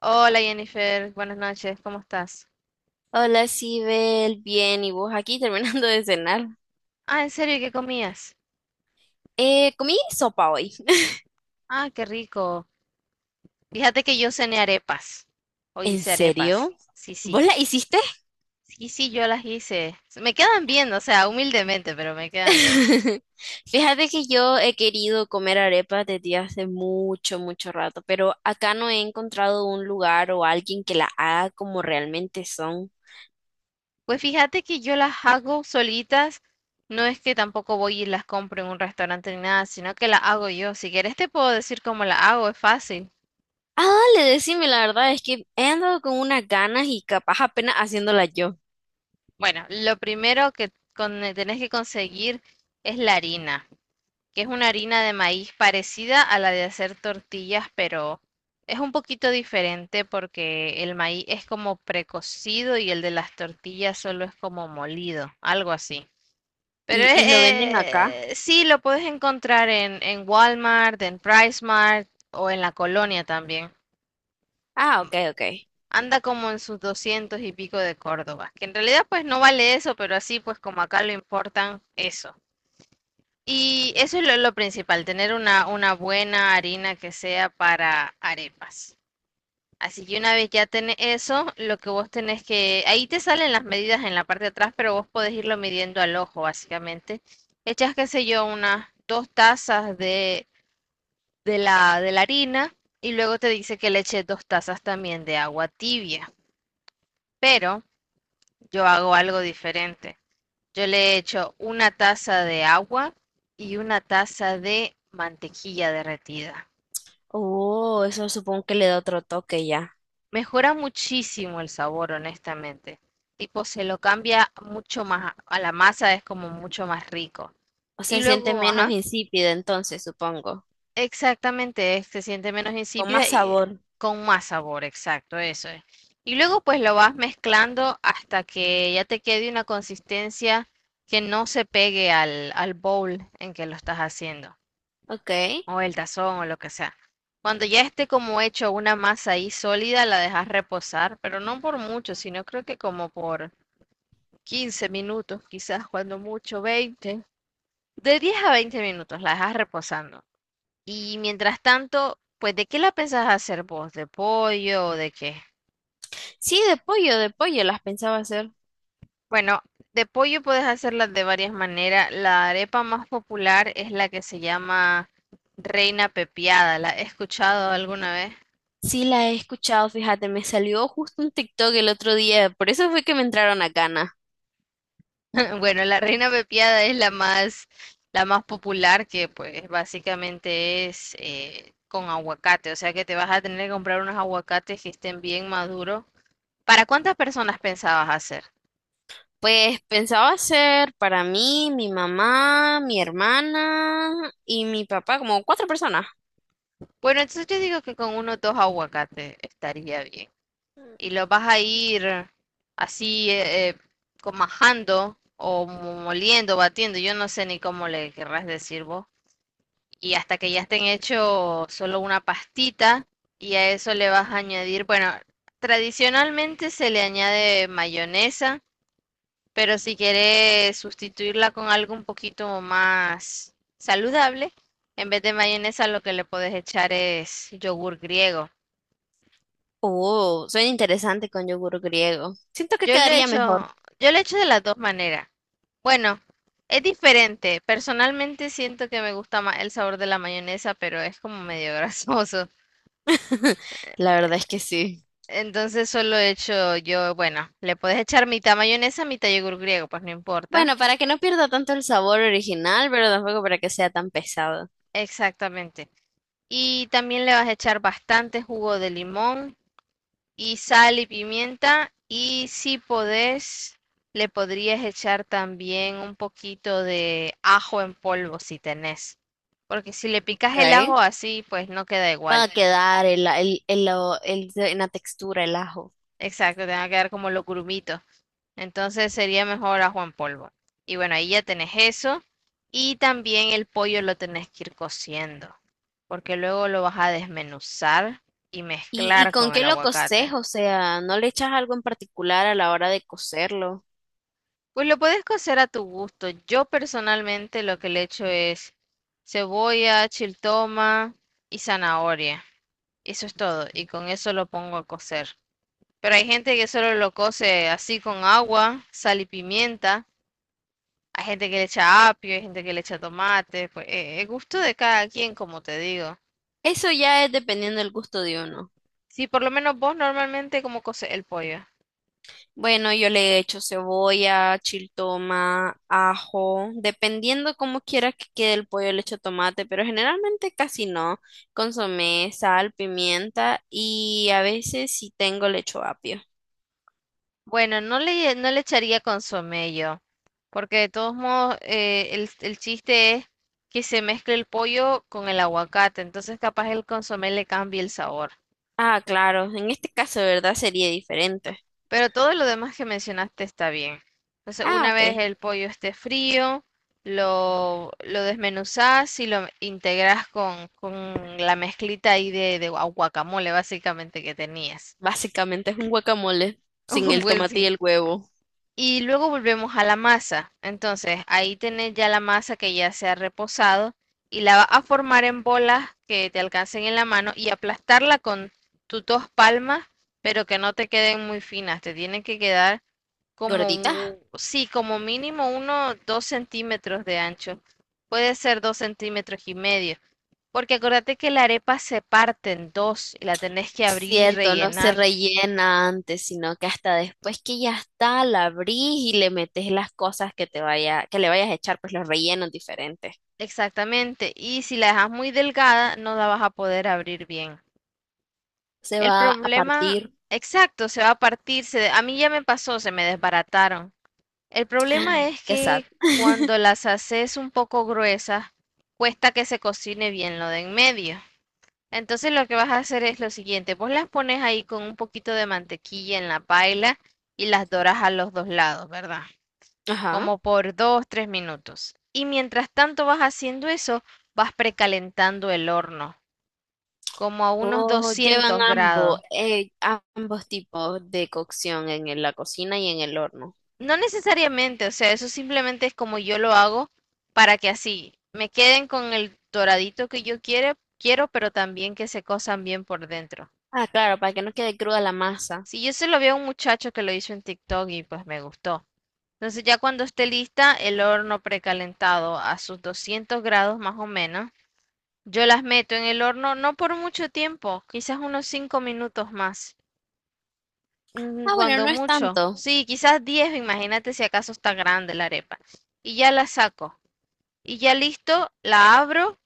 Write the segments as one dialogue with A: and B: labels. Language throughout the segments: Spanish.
A: Hola Jennifer, buenas noches, ¿cómo estás?
B: Hola, Sibel, bien, ¿y vos aquí terminando de cenar?
A: Ah, ¿en serio? ¿Qué comías?
B: Comí sopa hoy.
A: Ah, qué rico. Fíjate que yo cené arepas. Hoy
B: ¿En
A: hice
B: serio?
A: arepas. Sí,
B: ¿Vos
A: sí.
B: la hiciste?
A: Sí, sí, yo las hice. Me quedan bien, o sea, humildemente, pero me quedan bien.
B: Fíjate que yo he querido comer arepas desde hace mucho, mucho rato, pero acá no he encontrado un lugar o alguien que la haga como realmente son.
A: Pues fíjate que yo las hago solitas. No es que tampoco voy y las compro en un restaurante ni nada, sino que las hago yo. Si quieres te puedo decir cómo las hago, es fácil.
B: Ah, dale, decime, la verdad es que he andado con unas ganas y capaz apenas haciéndola yo.
A: Bueno, lo primero que tenés que conseguir es la harina, que es una harina de maíz parecida a la de hacer tortillas, pero es un poquito diferente porque el maíz es como precocido y el de las tortillas solo es como molido, algo así. Pero
B: ¿Y,
A: es,
B: y lo venden acá?
A: eh, sí, lo puedes encontrar en Walmart, en PriceMart o en la colonia también.
B: Ah, ok, ok.
A: Anda como en sus 200 y pico de Córdoba, que en realidad pues no vale eso, pero así pues como acá lo importan, eso. Y eso es lo principal, tener una buena harina que sea para arepas. Así que una vez ya tenés eso, lo que vos tenés que, ahí te salen las medidas en la parte de atrás, pero vos podés irlo midiendo al ojo, básicamente. Echas, qué sé yo, unas dos tazas de la harina y luego te dice que le eches dos tazas también de agua tibia. Pero yo hago algo diferente. Yo le he hecho una taza de agua y una taza de mantequilla derretida.
B: Oh, eso supongo que le da otro toque ya.
A: Mejora muchísimo el sabor, honestamente. Tipo, se lo cambia mucho más, a la masa es como mucho más rico.
B: O
A: Y
B: sea, se siente
A: luego,
B: menos
A: ajá,
B: insípida entonces, supongo.
A: exactamente, se siente menos
B: Con
A: insípida
B: más
A: y
B: sabor.
A: con más sabor, exacto, eso es. Y luego pues lo vas mezclando hasta que ya te quede una consistencia que no se pegue al bowl en que lo estás haciendo,
B: Ok.
A: o el tazón o lo que sea. Cuando ya esté como hecho una masa ahí sólida, la dejas reposar, pero no por mucho, sino creo que como por 15 minutos, quizás cuando mucho 20. De 10 a 20 minutos la dejas reposando. Y mientras tanto, pues ¿de qué la pensás hacer vos? ¿De pollo o de qué?
B: Sí, de pollo las pensaba hacer.
A: Bueno, de pollo puedes hacerla de varias maneras. La arepa más popular es la que se llama Reina Pepiada. ¿La he escuchado alguna vez?
B: Sí, la he escuchado, fíjate, me salió justo un TikTok el otro día, por eso fue que me entraron a ganas.
A: Bueno, la reina pepiada es la más popular, que pues básicamente es con aguacate, o sea que te vas a tener que comprar unos aguacates que estén bien maduros. ¿Para cuántas personas pensabas hacer?
B: Pues pensaba hacer para mí, mi mamá, mi hermana y mi papá, como cuatro personas.
A: Bueno, entonces yo digo que con uno o dos aguacates estaría bien. Y los vas a ir así majando o moliendo, batiendo, yo no sé ni cómo le querrás decir vos, y hasta que ya estén hechos solo una pastita y a eso le vas a añadir, bueno, tradicionalmente se le añade mayonesa, pero si quieres sustituirla con algo un poquito más saludable, en vez de mayonesa lo que le puedes echar es yogur griego.
B: Oh, suena interesante con yogur griego. Siento que
A: Yo lo he
B: quedaría mejor.
A: hecho, yo lo he hecho de las dos maneras. Bueno, es diferente. Personalmente siento que me gusta más el sabor de la mayonesa, pero es como medio grasoso.
B: La verdad es que sí.
A: Entonces solo he hecho yo, bueno, le puedes echar mitad mayonesa, mitad yogur griego, pues no importa.
B: Bueno, para que no pierda tanto el sabor original, pero tampoco para que sea tan pesado.
A: Exactamente. Y también le vas a echar bastante jugo de limón y sal y pimienta. Y si podés, le podrías echar también un poquito de ajo en polvo si tenés. Porque si le picas
B: Ok.
A: el ajo así, pues no queda
B: Va
A: igual.
B: a quedar en la textura el ajo.
A: Exacto, te va a quedar como los grumitos. Entonces sería mejor ajo en polvo. Y bueno, ahí ya tenés eso. Y también el pollo lo tenés que ir cociendo, porque luego lo vas a desmenuzar y
B: ¿Y
A: mezclar
B: con
A: con
B: qué
A: el
B: lo coces?
A: aguacate.
B: O sea, ¿no le echas algo en particular a la hora de cocerlo?
A: Pues lo puedes cocer a tu gusto. Yo personalmente lo que le echo es cebolla, chiltoma y zanahoria. Eso es todo. Y con eso lo pongo a cocer. Pero hay gente que solo lo cose así con agua, sal y pimienta. Hay gente que le echa apio, hay gente que le echa tomate, pues el gusto de cada quien, como te digo.
B: Eso ya es dependiendo del gusto de uno.
A: Sí, por lo menos vos normalmente como coce el pollo.
B: Bueno, yo le he hecho cebolla, chiltoma, ajo, dependiendo cómo quiera que quede el pollo, le echo tomate, pero generalmente casi no. Consomé, sal, pimienta y a veces si tengo le echo apio.
A: Bueno, no le echaría consomé yo, porque de todos modos el chiste es que se mezcle el pollo con el aguacate, entonces capaz el consomé le cambie el sabor.
B: Ah, claro, en este caso, ¿verdad? Sería diferente.
A: Pero todo lo demás que mencionaste está bien. Entonces,
B: Ah,
A: una
B: ok.
A: vez el pollo esté frío, lo desmenuzás y lo integras con la mezclita ahí de, de guacamole, básicamente, que tenías.
B: Básicamente es un guacamole sin el
A: Pues
B: tomate y
A: sí.
B: el huevo.
A: Y luego volvemos a la masa. Entonces, ahí tenés ya la masa que ya se ha reposado y la vas a formar en bolas que te alcancen en la mano y aplastarla con tus dos palmas, pero que no te queden muy finas. Te tienen que quedar como
B: Gorditas.
A: un, sí, como mínimo uno, 2 centímetros de ancho. Puede ser 2 centímetros y medio. Porque acuérdate que la arepa se parte en dos y la tenés que
B: Es
A: abrir y
B: cierto, no se
A: rellenar.
B: rellena antes, sino que hasta después que ya está, la abrís y le metes las cosas que te vaya, que le vayas a echar, pues los rellenos diferentes.
A: Exactamente. Y si la dejas muy delgada, no la vas a poder abrir bien.
B: Se
A: El
B: va a
A: problema,
B: partir,
A: exacto, se va a partir. A mí ya me pasó, se me desbarataron. El problema es
B: qué
A: que cuando las haces un poco gruesas, cuesta que se cocine bien lo de en medio. Entonces lo que vas a hacer es lo siguiente, vos las pones ahí con un poquito de mantequilla en la paila y las doras a los dos lados, ¿verdad?
B: Ajá.
A: Como por 2, 3 minutos. Y mientras tanto vas haciendo eso, vas precalentando el horno, como a unos
B: O llevan
A: 200
B: ambos,
A: grados.
B: ambos tipos de cocción en la cocina y en el horno.
A: No necesariamente, o sea, eso simplemente es como yo lo hago para que así me queden con el doradito que yo quiero, quiero, pero también que se cosan bien por dentro.
B: Ah, claro, para que no quede cruda la masa.
A: Si yo se lo vi a un muchacho que lo hizo en TikTok y pues me gustó. Entonces ya cuando esté lista el horno precalentado a sus 200 grados más o menos, yo las meto en el horno no por mucho tiempo, quizás unos 5 minutos más,
B: Ah, bueno,
A: cuando
B: no es
A: mucho.
B: tanto
A: Sí, quizás 10. Imagínate si acaso está grande la arepa. Y ya la saco. Y ya listo, la abro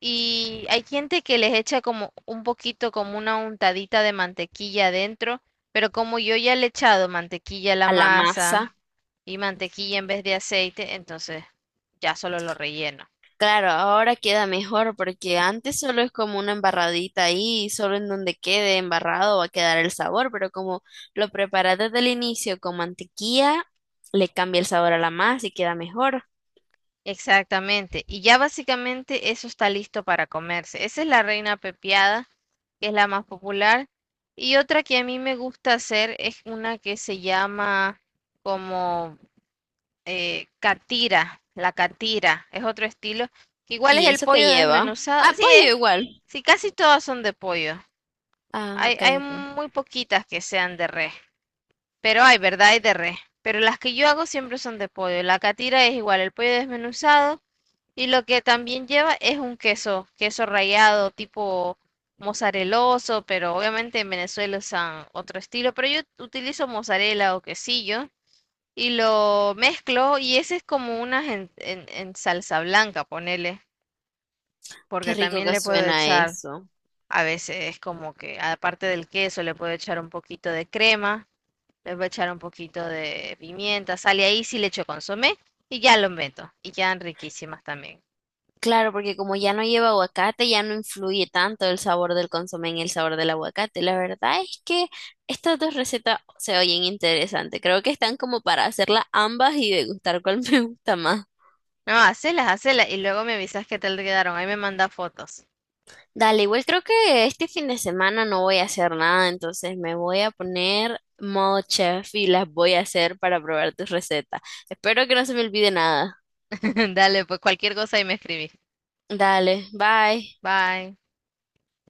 A: y hay gente que les echa como un poquito, como una untadita de mantequilla adentro, pero como yo ya le he echado mantequilla a la
B: a la
A: masa,
B: masa.
A: y mantequilla en vez de aceite, entonces ya solo lo relleno.
B: Claro, ahora queda mejor porque antes solo es como una embarradita ahí, y solo en donde quede embarrado va a quedar el sabor, pero como lo preparas desde el inicio con mantequilla, le cambia el sabor a la masa y queda mejor.
A: Exactamente. Y ya básicamente eso está listo para comerse. Esa es la reina pepiada, que es la más popular. Y otra que a mí me gusta hacer es una que se llama como catira, la catira. Es otro estilo, que igual es
B: ¿Y
A: el
B: eso qué
A: pollo
B: lleva?
A: desmenuzado.
B: Ah,
A: Sí,
B: pollo
A: es.
B: igual.
A: Sí, casi todas son de pollo.
B: Ah,
A: Hay,
B: ok,
A: hay
B: ok.
A: muy poquitas que sean de res. Pero hay, ¿verdad? Hay de res. Pero las que yo hago siempre son de pollo. La catira es igual, el pollo desmenuzado. Y lo que también lleva es un queso, queso rallado, tipo mozareloso, pero obviamente en Venezuela usan otro estilo. Pero yo utilizo mozzarella o quesillo y lo mezclo, y ese es como una en, en salsa blanca, ponele,
B: Qué
A: porque
B: rico
A: también
B: que
A: le puedo
B: suena
A: echar,
B: eso.
A: a veces es como que aparte del queso le puedo echar un poquito de crema. Le voy a echar un poquito de pimienta, sal y ahí, si le echo consomé y ya lo meto. Y quedan riquísimas también.
B: Claro, porque como ya no lleva aguacate, ya no influye tanto el sabor del consomé en el sabor del aguacate. La verdad es que estas dos recetas se oyen interesantes. Creo que están como para hacerlas ambas y degustar cuál me gusta más.
A: No, hacelas, hacelas y luego me avisas qué tal quedaron. Ahí me manda fotos.
B: Dale, igual creo que este fin de semana no voy a hacer nada, entonces me voy a poner modo chef y las voy a hacer para probar tus recetas. Espero que no se me olvide nada.
A: Dale, pues cualquier cosa ahí me escribís.
B: Dale, bye.
A: Bye.